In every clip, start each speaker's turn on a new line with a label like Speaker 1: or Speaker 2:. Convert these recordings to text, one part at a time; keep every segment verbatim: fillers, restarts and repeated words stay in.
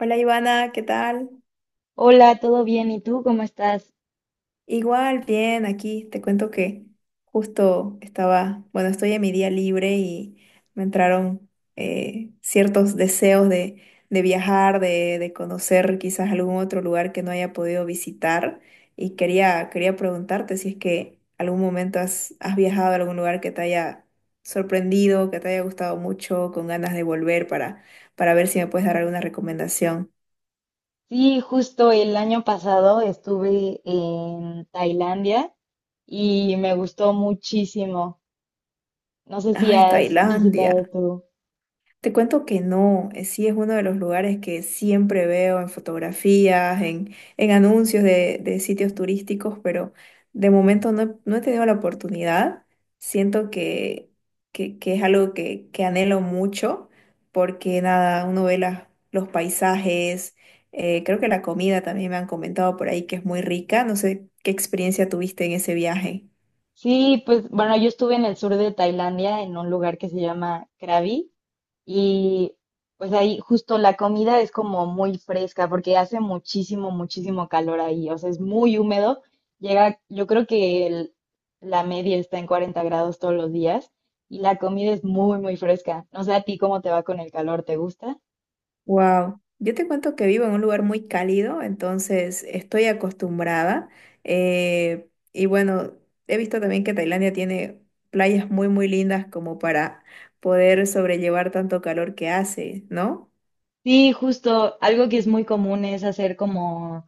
Speaker 1: Hola Ivana, ¿qué tal?
Speaker 2: Hola, ¿todo bien? ¿Y tú cómo estás?
Speaker 1: Igual, bien, aquí te cuento que justo estaba, bueno, estoy en mi día libre y me entraron eh, ciertos deseos de, de viajar, de, de conocer quizás algún otro lugar que no haya podido visitar y quería, quería preguntarte si es que algún momento has, has viajado a algún lugar que te haya sorprendido, que te haya gustado mucho, con ganas de volver para, para ver si me puedes dar alguna recomendación.
Speaker 2: Sí, justo el año pasado estuve en Tailandia y me gustó muchísimo. No sé si
Speaker 1: Ay,
Speaker 2: has visitado
Speaker 1: Tailandia.
Speaker 2: tú.
Speaker 1: Te cuento que no. Eh, sí, es uno de los lugares que siempre veo en fotografías, en, en anuncios de, de sitios turísticos, pero de momento no, he no he tenido la oportunidad. Siento que, que, que es algo que, que anhelo mucho, porque nada, uno ve las, los paisajes. Eh, creo que la comida también me han comentado por ahí que es muy rica. No sé qué experiencia tuviste en ese viaje.
Speaker 2: Sí, pues bueno, yo estuve en el sur de Tailandia, en un lugar que se llama Krabi. Y pues ahí justo la comida es como muy fresca porque hace muchísimo, muchísimo calor ahí. O sea, es muy húmedo. Llega, yo creo que el- la media está en cuarenta grados todos los días y la comida es muy, muy fresca. No sé a ti cómo te va con el calor, ¿te gusta?
Speaker 1: Wow, yo te cuento que vivo en un lugar muy cálido, entonces estoy acostumbrada. eh, y bueno, he visto también que Tailandia tiene playas muy, muy lindas como para poder sobrellevar tanto calor que hace, ¿no?
Speaker 2: Sí, justo, algo que es muy común es hacer como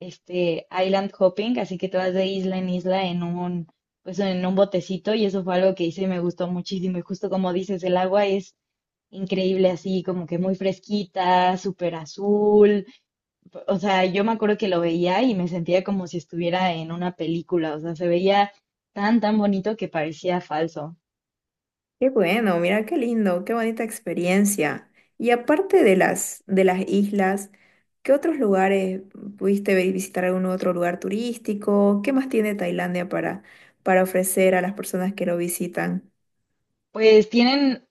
Speaker 2: este island hopping, así que te vas de isla en isla en un, pues en un botecito, y eso fue algo que hice y me gustó muchísimo. Y justo como dices, el agua es increíble así, como que muy fresquita, súper azul. O sea, yo me acuerdo que lo veía y me sentía como si estuviera en una película. O sea, se veía tan, tan bonito que parecía falso.
Speaker 1: Qué bueno, mira qué lindo, qué bonita experiencia. Y aparte de las, de las islas, ¿qué otros lugares pudiste vi- visitar? ¿Algún otro lugar turístico? ¿Qué más tiene Tailandia para, para ofrecer a las personas que lo visitan?
Speaker 2: Pues tienen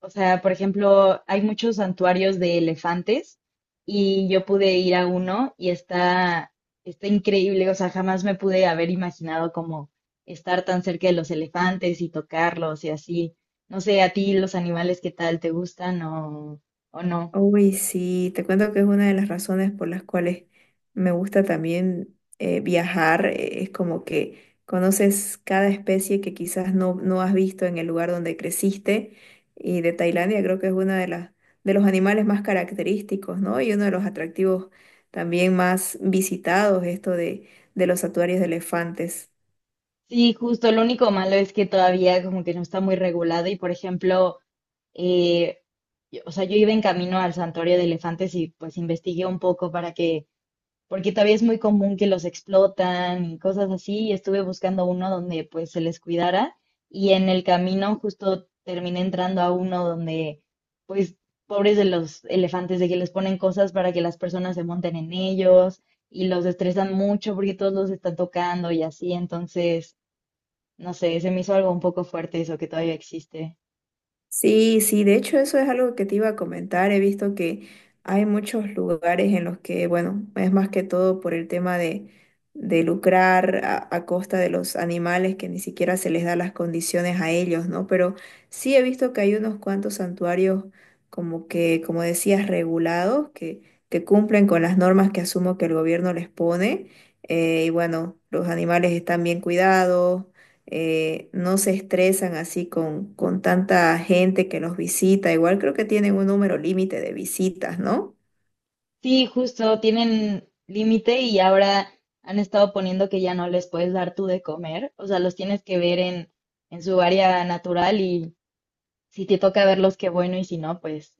Speaker 2: O sea, por ejemplo, hay muchos santuarios de elefantes y yo pude ir a uno y está, está increíble. O sea, jamás me pude haber imaginado como estar tan cerca de los elefantes y tocarlos y así. No sé, a ti los animales, ¿qué tal? ¿Te gustan o, o no?
Speaker 1: Uy, sí, te cuento que es una de las razones por las cuales me gusta también, eh, viajar. eh, Es como que conoces cada especie que quizás no, no has visto en el lugar donde creciste. Y de Tailandia creo que es una de las, de los animales más característicos, ¿no? Y uno de los atractivos también más visitados, esto de, de los santuarios de elefantes.
Speaker 2: Sí, justo. Lo único malo es que todavía como que no está muy regulado y, por ejemplo, eh, yo- o sea, yo iba en camino al santuario de elefantes y pues investigué un poco para que porque todavía es muy común que los explotan y cosas así, y estuve buscando uno donde pues se les cuidara, y en el camino justo terminé entrando a uno donde pues pobres de los elefantes, de que les ponen cosas para que las personas se monten en ellos y los estresan mucho porque todos los están tocando y así. Entonces, no sé, se me hizo algo un poco fuerte eso que todavía existe.
Speaker 1: Sí, sí, de hecho eso es algo que te iba a comentar. He visto que hay muchos lugares en los que, bueno, es más que todo por el tema de, de lucrar a, a costa de los animales, que ni siquiera se les da las condiciones a ellos, ¿no? Pero sí he visto que hay unos cuantos santuarios como que, como decías, regulados, que, que cumplen con las normas que asumo que el gobierno les pone. eh, y bueno, los animales están bien cuidados. Eh, no se estresan así con, con tanta gente que los visita. Igual creo que tienen un número límite de visitas, ¿no?
Speaker 2: Sí, justo, tienen límite y ahora han estado poniendo que ya no les puedes dar tú de comer. O sea, los tienes que ver en, en su área natural, y si te toca verlos, qué bueno, y si no, pues,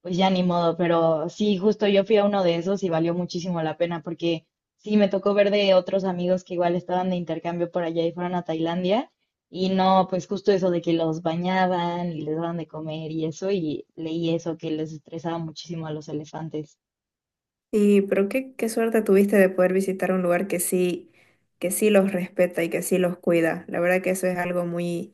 Speaker 2: pues ya ni modo. Pero sí, justo yo fui a uno de esos y valió muchísimo la pena porque sí, me tocó ver de otros amigos que igual estaban de intercambio por allá y fueron a Tailandia, y no, pues justo eso de que los bañaban y les daban de comer y eso, y leí eso que les estresaba muchísimo a los elefantes.
Speaker 1: Y pero qué, qué suerte tuviste de poder visitar un lugar que sí, que sí los respeta y que sí los cuida. La verdad que eso es algo muy,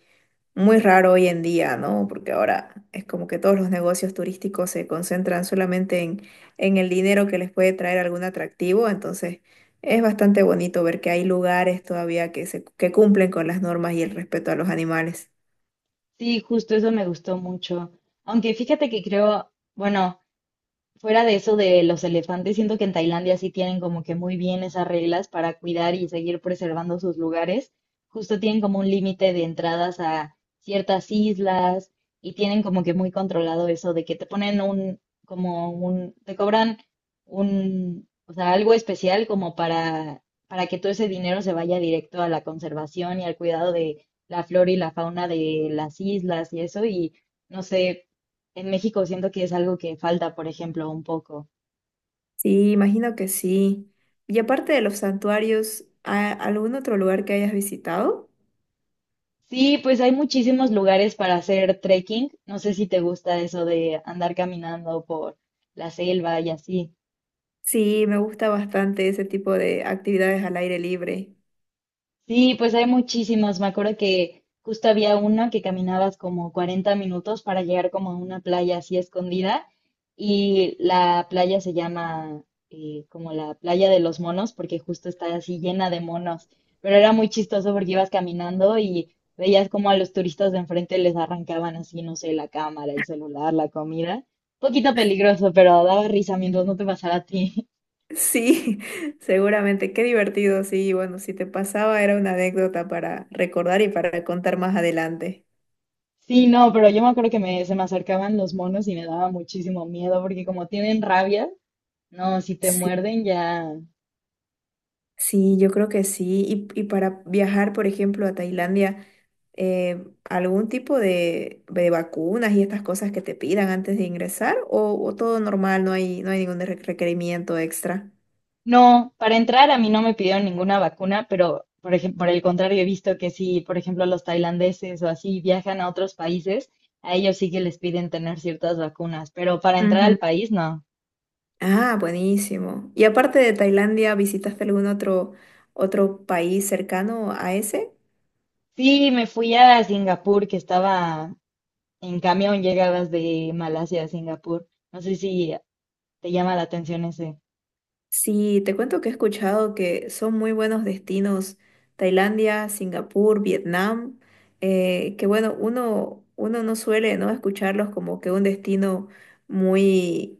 Speaker 1: muy raro hoy en día, ¿no? Porque ahora es como que todos los negocios turísticos se concentran solamente en, en el dinero que les puede traer algún atractivo, entonces es bastante bonito ver que hay lugares todavía que se, que cumplen con las normas y el respeto a los animales.
Speaker 2: Sí, justo eso me gustó mucho. Aunque fíjate que creo, bueno, fuera de eso de los elefantes, siento que en Tailandia sí tienen como que muy bien esas reglas para cuidar y seguir preservando sus lugares. Justo tienen como un límite de entradas a ciertas islas, y tienen como que muy controlado eso de que te ponen un, como un, te cobran un, o sea, algo especial como para, para que todo ese dinero se vaya directo a la conservación y al cuidado de la flora y la fauna de las islas y eso. Y no sé, en México siento que es algo que falta, por ejemplo, un poco.
Speaker 1: Sí, imagino que sí. Y aparte de los santuarios, ¿a- ¿algún otro lugar que hayas visitado?
Speaker 2: Sí, pues hay muchísimos lugares para hacer trekking. No sé si te gusta eso de andar caminando por la selva y así.
Speaker 1: Sí, me gusta bastante ese tipo de actividades al aire libre.
Speaker 2: Sí, pues hay muchísimas. Me acuerdo que justo había una que caminabas como cuarenta minutos para llegar como a una playa así escondida, y la playa se llama eh, como la playa de los monos, porque justo está así llena de monos. Pero era muy chistoso porque ibas caminando y veías como a los turistas de enfrente les arrancaban así, no sé, la cámara, el celular, la comida. Un poquito peligroso, pero daba risa mientras no te pasara a ti.
Speaker 1: Sí, seguramente, qué divertido, sí, bueno, si te pasaba era una anécdota para recordar y para contar más adelante.
Speaker 2: Sí, no, pero yo me acuerdo que me, se me acercaban los monos y me daba muchísimo miedo porque como tienen rabia, no, si te
Speaker 1: Sí,
Speaker 2: muerden ya...
Speaker 1: sí, yo creo que sí. Y, y para viajar, por ejemplo, a Tailandia, eh, ¿algún tipo de, de vacunas y estas cosas que te pidan antes de ingresar? ¿O, o todo normal, no hay, no hay ningún re- requerimiento extra?
Speaker 2: No, para entrar a mí no me pidieron ninguna vacuna, pero por ejemplo, por el contrario, he visto que si, por ejemplo, los tailandeses o así viajan a otros países, a ellos sí que les piden tener ciertas vacunas, pero para entrar al
Speaker 1: Ujú.
Speaker 2: país no.
Speaker 1: Ah, buenísimo. Y aparte de Tailandia, ¿visitaste algún otro, otro país cercano a ese?
Speaker 2: Sí, me fui a Singapur, que estaba en camión. Llegabas de Malasia a Singapur. No sé si te llama la atención ese.
Speaker 1: Sí, te cuento que he escuchado que son muy buenos destinos: Tailandia, Singapur, Vietnam. Eh, que bueno, uno, uno no suele, ¿no?, escucharlos como que un destino muy,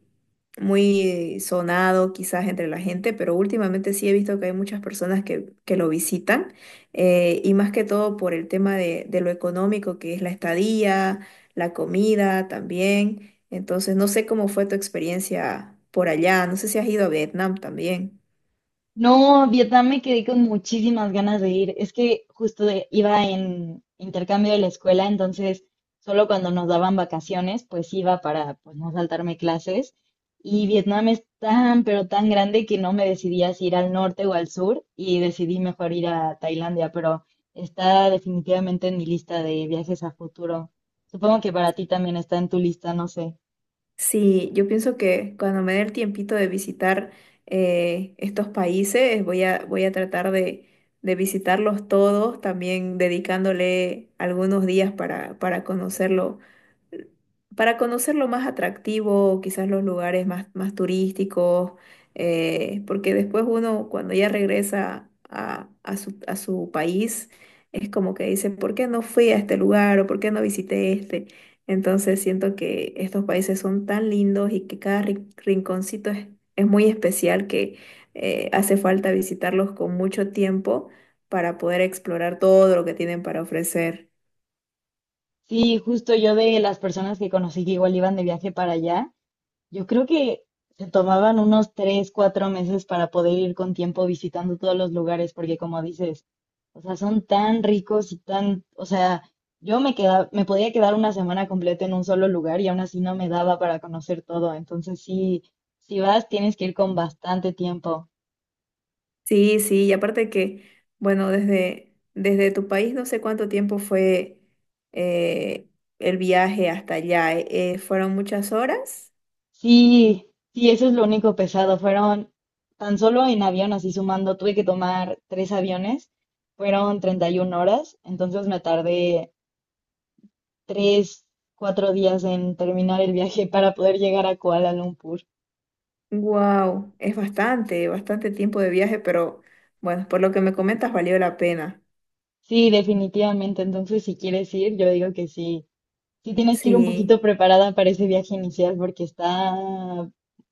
Speaker 1: muy sonado quizás entre la gente, pero últimamente sí he visto que hay muchas personas que, que lo visitan, eh, y más que todo por el tema de, de lo económico que es la estadía, la comida también. Entonces, no sé cómo fue tu experiencia por allá. No sé si has ido a Vietnam también.
Speaker 2: No, Vietnam me quedé con muchísimas ganas de ir. Es que justo de- iba en intercambio de la escuela, entonces solo cuando nos daban vacaciones, pues iba para pues no saltarme clases. Y Vietnam es tan, pero tan grande, que no me decidía si ir al norte o al sur, y decidí mejor ir a Tailandia, pero está definitivamente en mi lista de viajes a futuro. Supongo que para ti también está en tu lista, no sé.
Speaker 1: Sí, yo pienso que cuando me dé el tiempito de visitar, eh, estos países, voy a, voy a tratar de, de visitarlos todos, también dedicándole algunos días para, para conocerlo, para conocer lo más atractivo, quizás los lugares más, más turísticos. Eh, porque después uno cuando ya regresa a, a su, a su país, es como que dice, ¿por qué no fui a este lugar o por qué no visité este? Entonces siento que estos países son tan lindos y que cada ri- rinconcito es, es muy especial, que eh, hace falta visitarlos con mucho tiempo para poder explorar todo lo que tienen para ofrecer.
Speaker 2: Sí, justo yo de las personas que conocí que igual iban de viaje para allá. Yo creo que se tomaban unos tres, cuatro meses para poder ir con tiempo visitando todos los lugares, porque como dices, o sea, son tan ricos y tan, o sea, yo me quedaba, me podía quedar una semana completa en un solo lugar y aún así no me daba para conocer todo. Entonces sí, si vas, tienes que ir con bastante tiempo.
Speaker 1: Sí, sí, y aparte que, bueno, desde, desde tu país no sé cuánto tiempo fue eh, el viaje hasta allá. Eh, eh, ¿fueron muchas horas?
Speaker 2: Sí, sí, eso es lo único pesado. Fueron tan solo en avión, así sumando, tuve que tomar tres aviones, fueron treinta y una horas, entonces me tardé tres, cuatro días en terminar el viaje para poder llegar a Kuala Lumpur.
Speaker 1: Wow, es bastante, bastante tiempo de viaje, pero bueno, por lo que me comentas valió la pena.
Speaker 2: Sí, definitivamente. Entonces, si quieres ir, yo digo que sí. Sí tienes que ir un poquito
Speaker 1: Sí.
Speaker 2: preparada para ese viaje inicial porque está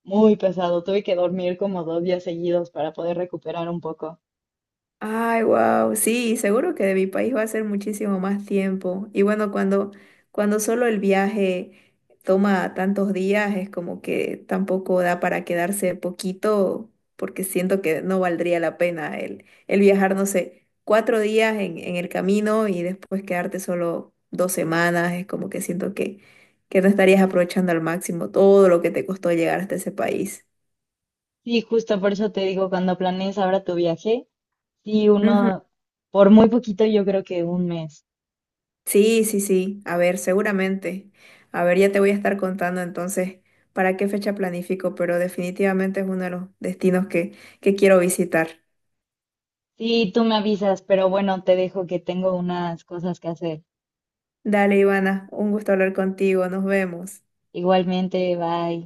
Speaker 2: muy pesado. Tuve que dormir como dos días seguidos para poder recuperar un poco.
Speaker 1: Ay, wow, sí, seguro que de mi país va a ser muchísimo más tiempo. Y bueno, cuando, cuando solo el viaje toma tantos días, es como que tampoco da para quedarse poquito, porque siento que no valdría la pena el, el viajar, no sé, cuatro días en, en el camino y después quedarte solo dos semanas. Es como que siento que, que no estarías aprovechando al máximo todo lo que te costó llegar hasta ese país.
Speaker 2: Sí, justo por eso te digo, cuando planees ahora tu viaje, sí, uno, por muy poquito, yo creo que un mes.
Speaker 1: Sí, sí, sí. A ver, seguramente. A ver, ya te voy a estar contando entonces para qué fecha planifico, pero definitivamente es uno de los destinos que, que quiero visitar.
Speaker 2: Sí, tú me avisas, pero bueno, te dejo que tengo unas cosas que hacer.
Speaker 1: Dale, Ivana, un gusto hablar contigo. Nos vemos.
Speaker 2: Igualmente, bye.